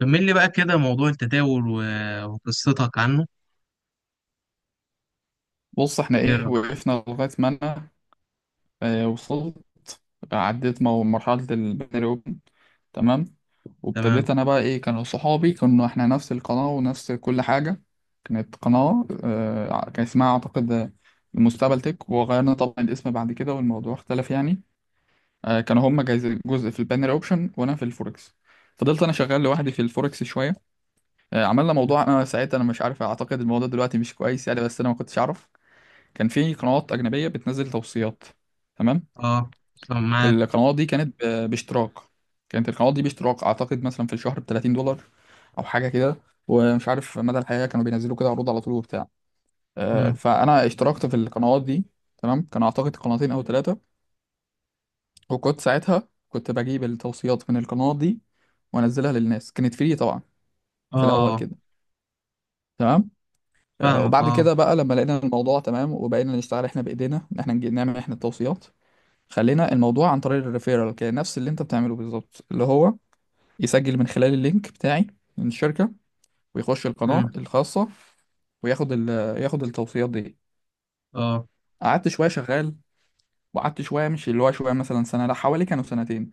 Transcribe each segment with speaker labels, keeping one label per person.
Speaker 1: كمل لي بقى كده موضوع التداول و- وقصتك عنه.
Speaker 2: بص احنا
Speaker 1: ايه رأيك؟
Speaker 2: وقفنا لغاية ما انا وصلت. عديت مرحلة البني اوبن. تمام.
Speaker 1: تمام.
Speaker 2: وابتديت انا بقى كانوا صحابي، كنا احنا نفس القناة ونفس كل حاجة. كانت قناة، كان اسمها اعتقد المستقبل تك، وغيرنا طبعا الاسم بعد كده والموضوع اختلف يعني. كانوا هما جزء في البانر اوبشن وانا في الفوركس. فضلت انا شغال لوحدي في الفوركس شوية. عملنا موضوع، انا ساعتها مش عارف، اعتقد الموضوع دلوقتي مش كويس يعني، بس انا ما كنتش اعرف. كان في قنوات أجنبية بتنزل توصيات. تمام.
Speaker 1: اه، طب معاك.
Speaker 2: القنوات دي كانت باشتراك. كانت القنوات دي باشتراك، أعتقد مثلا في الشهر ب $30 أو حاجة كده. ومش عارف مدى الحياة، كانوا بينزلوا كده عروض على طول وبتاع.
Speaker 1: مم.
Speaker 2: فأنا اشتركت في القنوات دي. تمام. كان أعتقد قناتين أو ثلاثة. وكنت ساعتها كنت بجيب التوصيات من القنوات دي وأنزلها للناس، كانت فري طبعا في الأول
Speaker 1: اه،
Speaker 2: كده. تمام.
Speaker 1: فاهمك،
Speaker 2: وبعد
Speaker 1: اه.
Speaker 2: كده بقى لما لقينا الموضوع تمام وبقينا نشتغل احنا بإيدينا إن احنا نعمل احنا التوصيات. خلينا الموضوع عن طريق الريفيرال، كان نفس اللي انت بتعمله بالظبط، اللي هو يسجل من خلال اللينك بتاعي من الشركة ويخش القناة
Speaker 1: مم.
Speaker 2: الخاصة وياخد ياخد التوصيات دي.
Speaker 1: اه
Speaker 2: قعدت شوية شغال، وقعدت شوية، مش اللي هو شوية مثلا سنة، لا حوالي كانوا سنتين.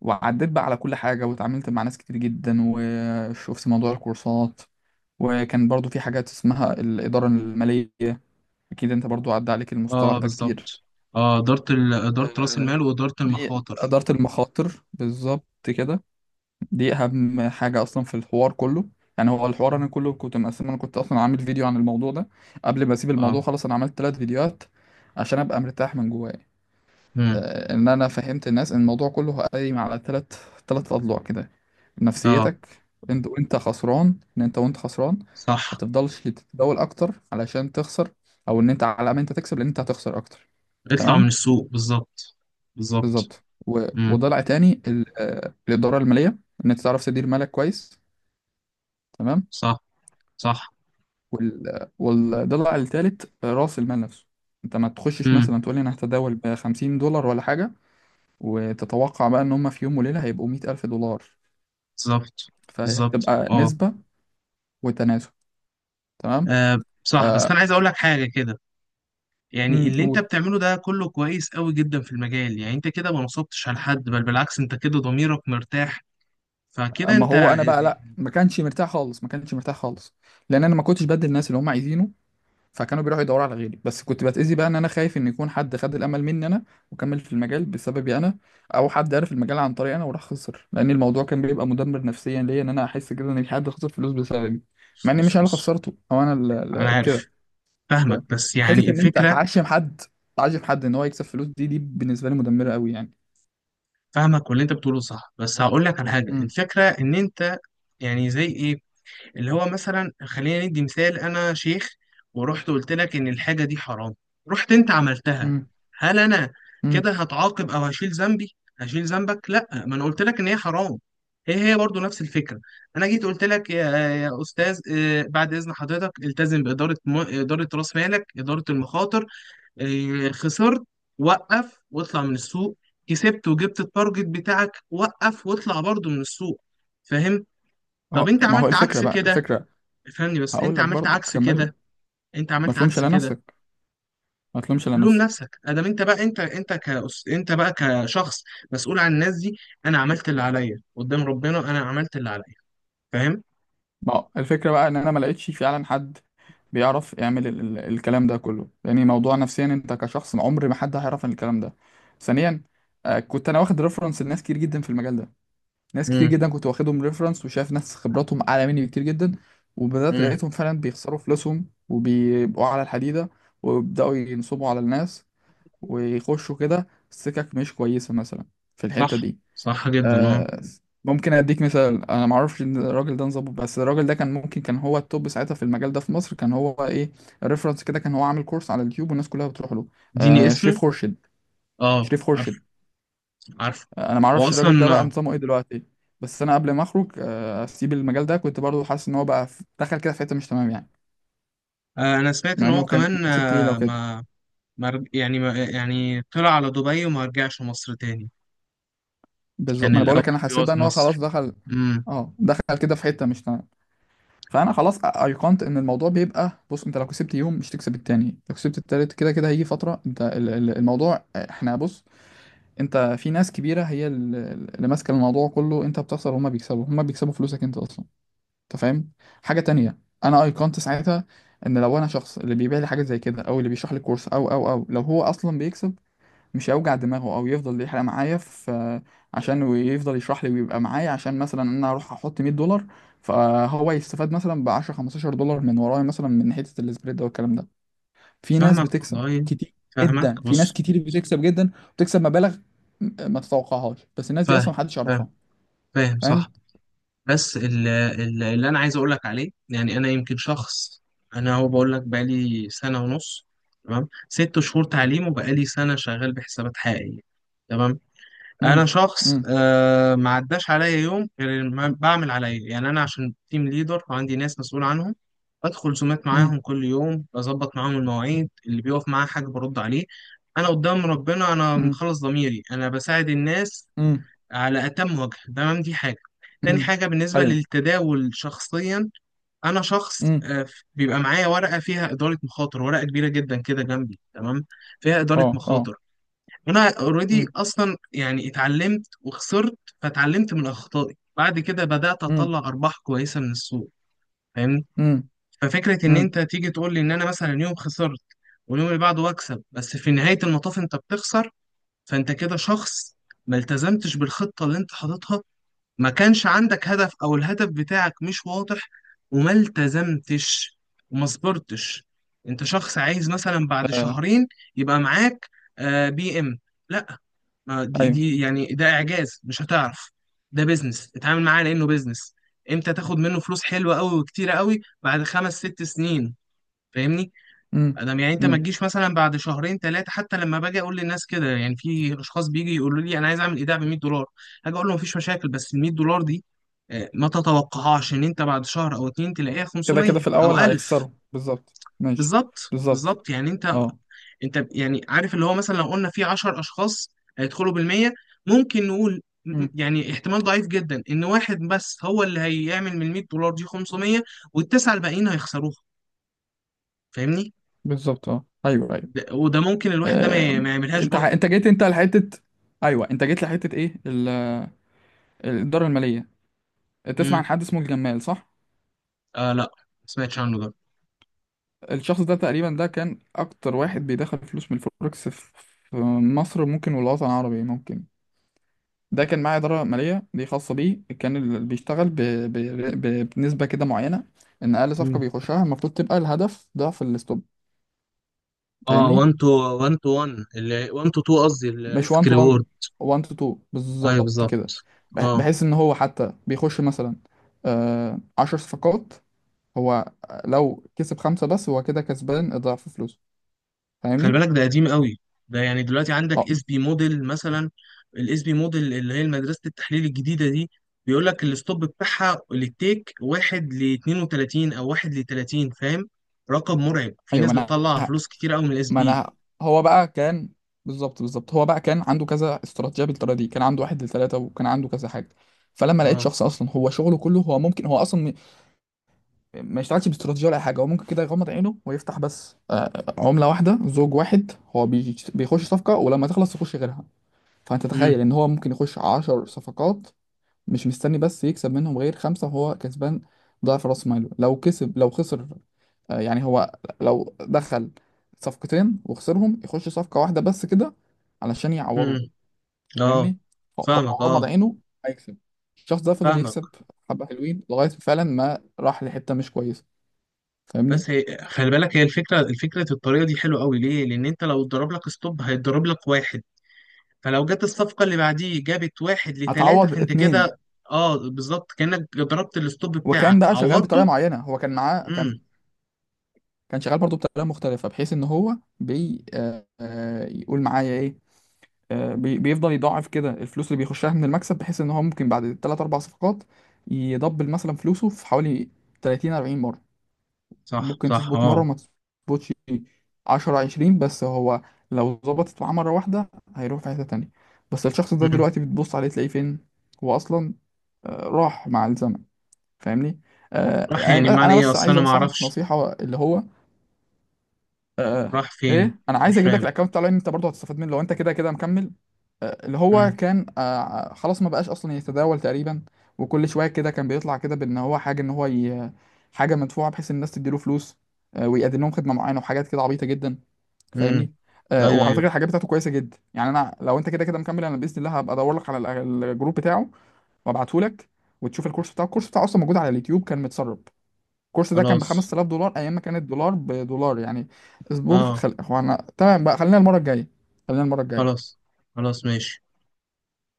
Speaker 2: وعديت بقى على كل حاجة واتعاملت مع ناس كتير جدا، وشفت موضوع الكورسات. وكان برضو في حاجات اسمها الإدارة المالية. أكيد أنت برضو عدى عليك المصطلح
Speaker 1: اه
Speaker 2: ده كتير.
Speaker 1: بالظبط. اه، إدارة إدارة رأس
Speaker 2: آه،
Speaker 1: المال وإدارة
Speaker 2: دي
Speaker 1: المخاطر.
Speaker 2: إدارة المخاطر بالظبط كده. دي اهم حاجه اصلا في الحوار كله. يعني هو الحوار انا كله كنت مقسم، انا كنت اصلا عامل فيديو عن الموضوع ده قبل ما اسيب
Speaker 1: اه.
Speaker 2: الموضوع خلاص، انا عملت ثلاث فيديوهات عشان ابقى مرتاح من جوايا.
Speaker 1: مم.
Speaker 2: ان انا فهمت الناس ان الموضوع كله قايم على ثلاث اضلاع كده.
Speaker 1: اه،
Speaker 2: نفسيتك انت وانت خسران، ان انت وانت خسران ما
Speaker 1: صح،
Speaker 2: تفضلش تتداول اكتر علشان تخسر، او ان انت على ما انت تكسب، لان انت هتخسر اكتر.
Speaker 1: اطلع من
Speaker 2: تمام.
Speaker 1: السوق بالظبط بالظبط.
Speaker 2: بالظبط،
Speaker 1: مم.
Speaker 2: وضلع تاني الاداره الماليه، ان انت تعرف تدير مالك كويس. تمام.
Speaker 1: صح صح.
Speaker 2: والضلع التالت رأس المال نفسه. انت ما تخشش
Speaker 1: مم.
Speaker 2: مثلا تقول لي انا هتداول ب $50 ولا حاجة، وتتوقع بقى ان هم في يوم وليلة هيبقوا 100 ألف دولار.
Speaker 1: بالظبط
Speaker 2: فهي
Speaker 1: بالظبط
Speaker 2: بتبقى
Speaker 1: اه.
Speaker 2: نسبة وتناسب. تمام.
Speaker 1: آه، صح، بس
Speaker 2: آه.
Speaker 1: أنا عايز أقول لك حاجة كده. يعني
Speaker 2: امم.
Speaker 1: اللي انت
Speaker 2: قول.
Speaker 1: بتعمله ده كله كويس قوي جدا في المجال، يعني انت كده ما نصبتش على حد، بل بالعكس انت كده ضميرك مرتاح. فكده
Speaker 2: اما
Speaker 1: انت.
Speaker 2: هو انا بقى لا، ما كانش مرتاح خالص، ما كانش مرتاح خالص، لان انا ما كنتش بدي الناس اللي هم عايزينه، فكانوا بيروحوا يدوروا على غيري. بس كنت بتأذي بقى، ان انا خايف ان يكون حد خد الامل مني انا وكمل في المجال بسببي انا، او حد عرف المجال عن طريقي انا وراح خسر، لان الموضوع كان بيبقى مدمر نفسيا ليا، ان انا احس كده ان في حد خسر فلوس بسببي،
Speaker 1: بص
Speaker 2: مع اني مش انا
Speaker 1: بص
Speaker 2: اللي
Speaker 1: بص،
Speaker 2: خسرته او انا
Speaker 1: انا
Speaker 2: اللي
Speaker 1: عارف.
Speaker 2: كده. بس
Speaker 1: فاهمك، بس يعني
Speaker 2: حتة ان انت
Speaker 1: الفكرة.
Speaker 2: هتعشم حد، تعشم حد ان هو يكسب فلوس، دي بالنسبة لي مدمرة قوي يعني.
Speaker 1: فاهمك، واللي انت بتقوله صح، بس هقول لك على حاجة.
Speaker 2: امم.
Speaker 1: الفكرة ان انت يعني زي ايه، اللي هو مثلا خلينا ندي مثال: انا شيخ، ورحت قلت لك ان الحاجه دي حرام، رحت انت عملتها،
Speaker 2: امم.
Speaker 1: هل انا
Speaker 2: امم.
Speaker 1: كده هتعاقب؟ او هشيل ذنبي؟ هشيل ذنبك؟ لا، ما انا قلت لك ان هي حرام. هي هي برضو نفس الفكره. انا جيت قلت لك يا استاذ، بعد اذن حضرتك التزم اداره راس مالك، اداره المخاطر. خسرت، وقف واطلع من السوق. كسبت وجبت التارجت بتاعك، وقف واطلع برضو من السوق، فاهم؟ طب
Speaker 2: اه.
Speaker 1: انت
Speaker 2: ما هو
Speaker 1: عملت
Speaker 2: الفكرة
Speaker 1: عكس
Speaker 2: بقى،
Speaker 1: كده.
Speaker 2: الفكرة،
Speaker 1: فني بس
Speaker 2: هقول
Speaker 1: انت
Speaker 2: لك
Speaker 1: عملت
Speaker 2: برضه
Speaker 1: عكس
Speaker 2: كمل لك.
Speaker 1: كده، انت
Speaker 2: ما
Speaker 1: عملت
Speaker 2: تلومش
Speaker 1: عكس
Speaker 2: على
Speaker 1: كده.
Speaker 2: نفسك. ما تلومش على
Speaker 1: لوم
Speaker 2: نفسك.
Speaker 1: نفسك ادام انت بقى، انت بقى كشخص مسؤول عن الناس دي. انا عملت اللي عليا قدام ربنا، انا عملت اللي عليا، فاهم؟
Speaker 2: ما هو الفكرة بقى ان انا ما لقيتش فعلا حد بيعرف يعمل ال ال الكلام ده كله. يعني موضوع نفسيا انت كشخص عمر ما حد هيعرف عن الكلام ده. ثانيا، كنت انا واخد ريفرنس لناس كتير جدا في المجال ده. ناس كتير
Speaker 1: امم
Speaker 2: جدا كنت واخدهم ريفرنس، وشايف ناس خبراتهم اعلى مني بكتير جدا، وبدأت
Speaker 1: امم.
Speaker 2: لقيتهم فعلا بيخسروا فلوسهم وبيبقوا على الحديدة، ويبدأوا ينصبوا على الناس ويخشوا كده سكك مش كويسة مثلا في الحتة
Speaker 1: صح،
Speaker 2: دي.
Speaker 1: صح جدا، اه.
Speaker 2: آه، ممكن اديك مثال. انا ما اعرفش ان الراجل ده نظبط، بس الراجل ده كان ممكن كان هو التوب ساعتها في المجال ده في مصر. كان هو ريفرنس كده، كان هو عامل كورس على اليوتيوب والناس كلها بتروح له.
Speaker 1: اديني
Speaker 2: شريف
Speaker 1: اسمه.
Speaker 2: خورشيد.
Speaker 1: اه،
Speaker 2: شريف
Speaker 1: عارف.
Speaker 2: خورشيد.
Speaker 1: عارف.
Speaker 2: انا ما
Speaker 1: هو
Speaker 2: اعرفش الراجل ده بقى
Speaker 1: اصلا،
Speaker 2: نظامه ايه دلوقتي. بس انا قبل ما اخرج، اسيب المجال ده، كنت برضو حاسس ان هو بقى دخل كده في حته مش تمام يعني،
Speaker 1: انا سمعت
Speaker 2: مع
Speaker 1: ان هو
Speaker 2: انه كان من
Speaker 1: كمان،
Speaker 2: الناس التقيله وكده.
Speaker 1: ما رج- يعني ما، يعني طلع على دبي وما رجعش مصر تاني.
Speaker 2: بالظبط،
Speaker 1: كان
Speaker 2: ما انا بقول
Speaker 1: الاول
Speaker 2: لك انا حسيت
Speaker 1: بيقعد
Speaker 2: بقى
Speaker 1: في
Speaker 2: ان هو
Speaker 1: مصر.
Speaker 2: خلاص دخل.
Speaker 1: امم.
Speaker 2: اه، دخل كده في حته مش تمام. فانا خلاص ايقنت ان الموضوع بيبقى، بص، انت لو كسبت يوم مش تكسب التاني، لو كسبت التالت، كده كده هيجي فتره انت الموضوع، احنا بص، انت في ناس كبيره هي اللي ماسكه الموضوع كله. انت بتخسر وهما بيكسبوا، هما بيكسبوا فلوسك انت اصلا. انت فاهم. حاجه تانية، انا ايقنت ساعتها ان لو انا شخص، اللي بيبيع لي حاجه زي كده او اللي بيشرح لي كورس، او لو هو اصلا بيكسب، مش هيوجع دماغه او يفضل يحرق معايا في، عشان ويفضل يشرح لي ويبقى معايا، عشان مثلا انا اروح احط $100 فهو يستفاد مثلا ب 10 $15 من ورايا، مثلا من حته السبريد ده والكلام ده. في ناس
Speaker 1: فاهمك
Speaker 2: بتكسب
Speaker 1: والله،
Speaker 2: كتير
Speaker 1: فاهمك،
Speaker 2: جدا، في ناس
Speaker 1: بص.
Speaker 2: كتير بتكسب جدا وتكسب مبالغ ما تتوقعهاش، بس الناس دي
Speaker 1: فاهم
Speaker 2: اصلا محدش
Speaker 1: فاهم
Speaker 2: يعرفها.
Speaker 1: فاهم،
Speaker 2: فاهم.
Speaker 1: صح. بس اللي انا عايز اقول لك عليه، يعني انا يمكن شخص، انا هو بقول لك بقالي سنه ونص، تمام؟ ست شهور تعليم وبقالي سنه شغال بحسابات حقيقيه، تمام؟ انا
Speaker 2: امم.
Speaker 1: شخص
Speaker 2: امم.
Speaker 1: آه ما عداش عليا يوم غير ما بعمل عليا، يعني انا عشان تيم ليدر وعندي ناس مسؤول عنهم. بدخل زومات
Speaker 2: امم.
Speaker 1: معاهم كل يوم، بظبط معاهم المواعيد، اللي بيقف معاه حاجه برد عليه. انا قدام ربنا انا
Speaker 2: امم.
Speaker 1: مخلص ضميري، انا بساعد الناس
Speaker 2: امم.
Speaker 1: على أتم وجه، تمام؟ دي حاجة. تاني
Speaker 2: امم.
Speaker 1: حاجة، بالنسبة
Speaker 2: ايوه.
Speaker 1: للتداول شخصيا، أنا شخص،
Speaker 2: امم.
Speaker 1: بيبقى معايا ورقة فيها إدارة مخاطر، ورقة كبيرة جدا كده جنبي، تمام؟ فيها إدارة
Speaker 2: اه. اه.
Speaker 1: مخاطر. أنا أوريدي
Speaker 2: امم.
Speaker 1: أصلا يعني اتعلمت وخسرت، فاتعلمت من أخطائي، بعد كده بدأت
Speaker 2: امم.
Speaker 1: أطلع أرباح كويسة من السوق، فاهمني؟
Speaker 2: امم.
Speaker 1: ففكرة إن
Speaker 2: امم.
Speaker 1: أنت تيجي تقول لي إن أنا مثلا يوم خسرت واليوم اللي بعده أكسب، بس في نهاية المطاف أنت بتخسر. فأنت كده شخص ما التزمتش بالخطة اللي أنت حاططها، ما كانش عندك هدف او الهدف بتاعك مش واضح، وما التزمتش وما صبرتش. انت شخص عايز مثلا بعد
Speaker 2: آه،
Speaker 1: شهرين يبقى معاك آه بي ام، لا. ما دي,
Speaker 2: ايوه.
Speaker 1: دي يعني ده اعجاز، مش هتعرف. ده بيزنس، اتعامل معاه لانه بيزنس. امتى تاخد منه فلوس حلوه قوي وكتيره قوي؟ بعد خمس ست سنين، فاهمني؟
Speaker 2: امم.
Speaker 1: انا يعني انت ما
Speaker 2: امم.
Speaker 1: تجيش مثلا بعد شهرين ثلاثه. حتى لما باجي اقول للناس كده، يعني في اشخاص بيجي يقولوا لي انا عايز اعمل ايداع ب 100 دولار. هاجي اقول له مفيش مشاكل، بس ال 100 دولار دي آه، ما تتوقعهاش ان انت بعد شهر او اتنين تلاقيها
Speaker 2: كده كده
Speaker 1: 500
Speaker 2: في
Speaker 1: او
Speaker 2: الأول
Speaker 1: 1000.
Speaker 2: هيخسروا بالظبط. ماشي.
Speaker 1: بالظبط
Speaker 2: بالظبط.
Speaker 1: بالظبط، يعني انت،
Speaker 2: اه.
Speaker 1: انت يعني عارف اللي هو مثلا لو قلنا في 10 اشخاص هيدخلوا بال 100، ممكن نقول
Speaker 2: مم.
Speaker 1: يعني احتمال ضعيف جدا ان واحد بس هو اللي هيعمل من 100 دولار دي 500، والتسعه الباقيين هيخسروها، فاهمني؟
Speaker 2: بالظبط. اه. أيوه. أيوه.
Speaker 1: ده- وده ممكن الواحد ده
Speaker 2: آه،
Speaker 1: ما يعملهاش.
Speaker 2: أنت أنت جيت أنت لحتة، أيوه أنت جيت لحتة إيه الإدارة المالية. تسمع
Speaker 1: امم.
Speaker 2: عن حد اسمه الجمال، صح؟
Speaker 1: آه لا، ما سمعتش عنه ده.
Speaker 2: الشخص ده تقريبا ده كان أكتر واحد بيدخل فلوس من الفوركس في، في مصر ممكن والوطن العربي ممكن. ده كان معاه إدارة مالية دي خاصة بيه، كان اللي بيشتغل بنسبة كده معينة، إن أقل صفقة
Speaker 1: امم،
Speaker 2: بيخشها المفروض تبقى الهدف ضعف الستوب.
Speaker 1: اه،
Speaker 2: فاهمني؟
Speaker 1: 1 تو 1 تو 1، اللي 1 تو 2 قصدي،
Speaker 2: مش 1
Speaker 1: الريسك
Speaker 2: تو 1،
Speaker 1: ريورد.
Speaker 2: 1 تو 2
Speaker 1: ايوه
Speaker 2: بالظبط
Speaker 1: بالظبط،
Speaker 2: كده.
Speaker 1: اه.
Speaker 2: بحيث ان هو حتى بيخش مثلا 10 صفقات، هو لو كسب خمسة بس هو كده كسبان اضعاف فلوسه.
Speaker 1: خلي
Speaker 2: فاهمني؟
Speaker 1: بالك ده قديم قوي. ده يعني دلوقتي عندك
Speaker 2: اه.
Speaker 1: اس بي موديل مثلا، الاس بي موديل اللي هي مدرسة التحليل الجديدة دي، بيقول لك الستوب بتاعها للتيك 1 ل 32 او 1 ل 30، فاهم؟ رقم مرعب، في
Speaker 2: ايوه. ما
Speaker 1: ناس
Speaker 2: انا
Speaker 1: بتطلع فلوس كتير قوي من الاس
Speaker 2: ما
Speaker 1: بي.
Speaker 2: انا هو بقى كان، بالظبط بالظبط هو بقى كان عنده كذا استراتيجية بالطريقة دي، كان عنده واحد لثلاثة وكان عنده كذا حاجة. فلما لقيت
Speaker 1: اه.
Speaker 2: شخص اصلا هو شغله كله، هو ممكن هو اصلا ما يشتغلش باستراتيجية ولا أي حاجة، هو ممكن كده يغمض عينه ويفتح بس، عملة واحدة زوج واحد، هو بيخش صفقة ولما تخلص يخش غيرها. فأنت
Speaker 1: امم
Speaker 2: تخيل إن هو ممكن يخش عشر صفقات، مش مستني بس يكسب منهم غير خمسة وهو كسبان ضعف رأس ماله. لو كسب لو خسر، يعني هو لو دخل صفقتين وخسرهم يخش صفقة واحدة بس كده علشان يعوضه.
Speaker 1: امم. اه،
Speaker 2: فاهمني. هو لو
Speaker 1: فاهمك،
Speaker 2: غمض
Speaker 1: اه،
Speaker 2: عينه هيكسب. الشخص ده فضل
Speaker 1: فاهمك.
Speaker 2: يكسب حبة حلوين لغاية فعلا ما راح لحتة مش كويسة. فاهمني.
Speaker 1: بس هي خلي بالك، هي الفكره الطريقه دي حلوه قوي ليه؟ لان انت لو اتضرب لك ستوب هيتضرب لك واحد، فلو جت الصفقه اللي بعديه جابت واحد لثلاثه
Speaker 2: هتعوض
Speaker 1: فانت كده.
Speaker 2: اتنين.
Speaker 1: اه بالظبط، كانك ضربت الستوب
Speaker 2: وكان
Speaker 1: بتاعك
Speaker 2: بقى شغال بطريقه
Speaker 1: عوضته.
Speaker 2: معينه، هو كان معاه كان،
Speaker 1: امم.
Speaker 2: كان شغال برضه بطريقه مختلفه بحيث ان هو بي آه آه، يقول معايا ايه، آه بي بيفضل يضاعف كده الفلوس اللي بيخشها من المكسب، بحيث ان هو ممكن بعد 3 4 صفقات يدبل مثلا فلوسه في حوالي 30 40 مره.
Speaker 1: صح
Speaker 2: وممكن
Speaker 1: صح
Speaker 2: تظبط مره
Speaker 1: اه.
Speaker 2: وما تظبطش 10 20، بس هو لو ظبطت معاه مره واحده هيروح في حته تانيه. بس الشخص ده
Speaker 1: امم.
Speaker 2: دلوقتي بتبص عليه تلاقيه فين، هو اصلا راح مع الزمن. فاهمني.
Speaker 1: راح يعني معنى
Speaker 2: انا
Speaker 1: ايه؟
Speaker 2: بس
Speaker 1: اصل
Speaker 2: عايز
Speaker 1: انا ما
Speaker 2: انصحك
Speaker 1: اعرفش
Speaker 2: نصيحه اللي هو، آه
Speaker 1: راح فين،
Speaker 2: ايه انا عايز
Speaker 1: مش
Speaker 2: اجيب لك
Speaker 1: فاهم.
Speaker 2: الاكونت بتاع لاين، انت برضه هتستفاد منه لو انت كده كده مكمل. اللي هو
Speaker 1: امم
Speaker 2: كان، خلاص ما بقاش اصلا يتداول تقريبا، وكل شويه كده كان بيطلع كده بان هو حاجه ان هو حاجه مدفوعه بحيث الناس تديله فلوس. آه، ويقدم لهم خدمه معينه وحاجات كده عبيطه جدا.
Speaker 1: امم.
Speaker 2: فاهمني.
Speaker 1: ايوه
Speaker 2: وعلى فكره
Speaker 1: ايوه.
Speaker 2: الحاجات بتاعته كويسه جدا يعني. انا لو انت كده كده مكمل انا باذن الله هبقى ادور لك على الجروب بتاعه وابعته لك، وتشوف الكورس بتاعه. الكورس بتاعه اصلا موجود على اليوتيوب كان متسرب. الكورس ده كان ب
Speaker 1: خلاص،
Speaker 2: $5,000 ايام ما كان الدولار بدولار يعني. اسبوع
Speaker 1: اه.
Speaker 2: هو انا تمام بقى، خلينا المره الجايه. خلينا المره الجايه.
Speaker 1: خلاص خلاص ماشي.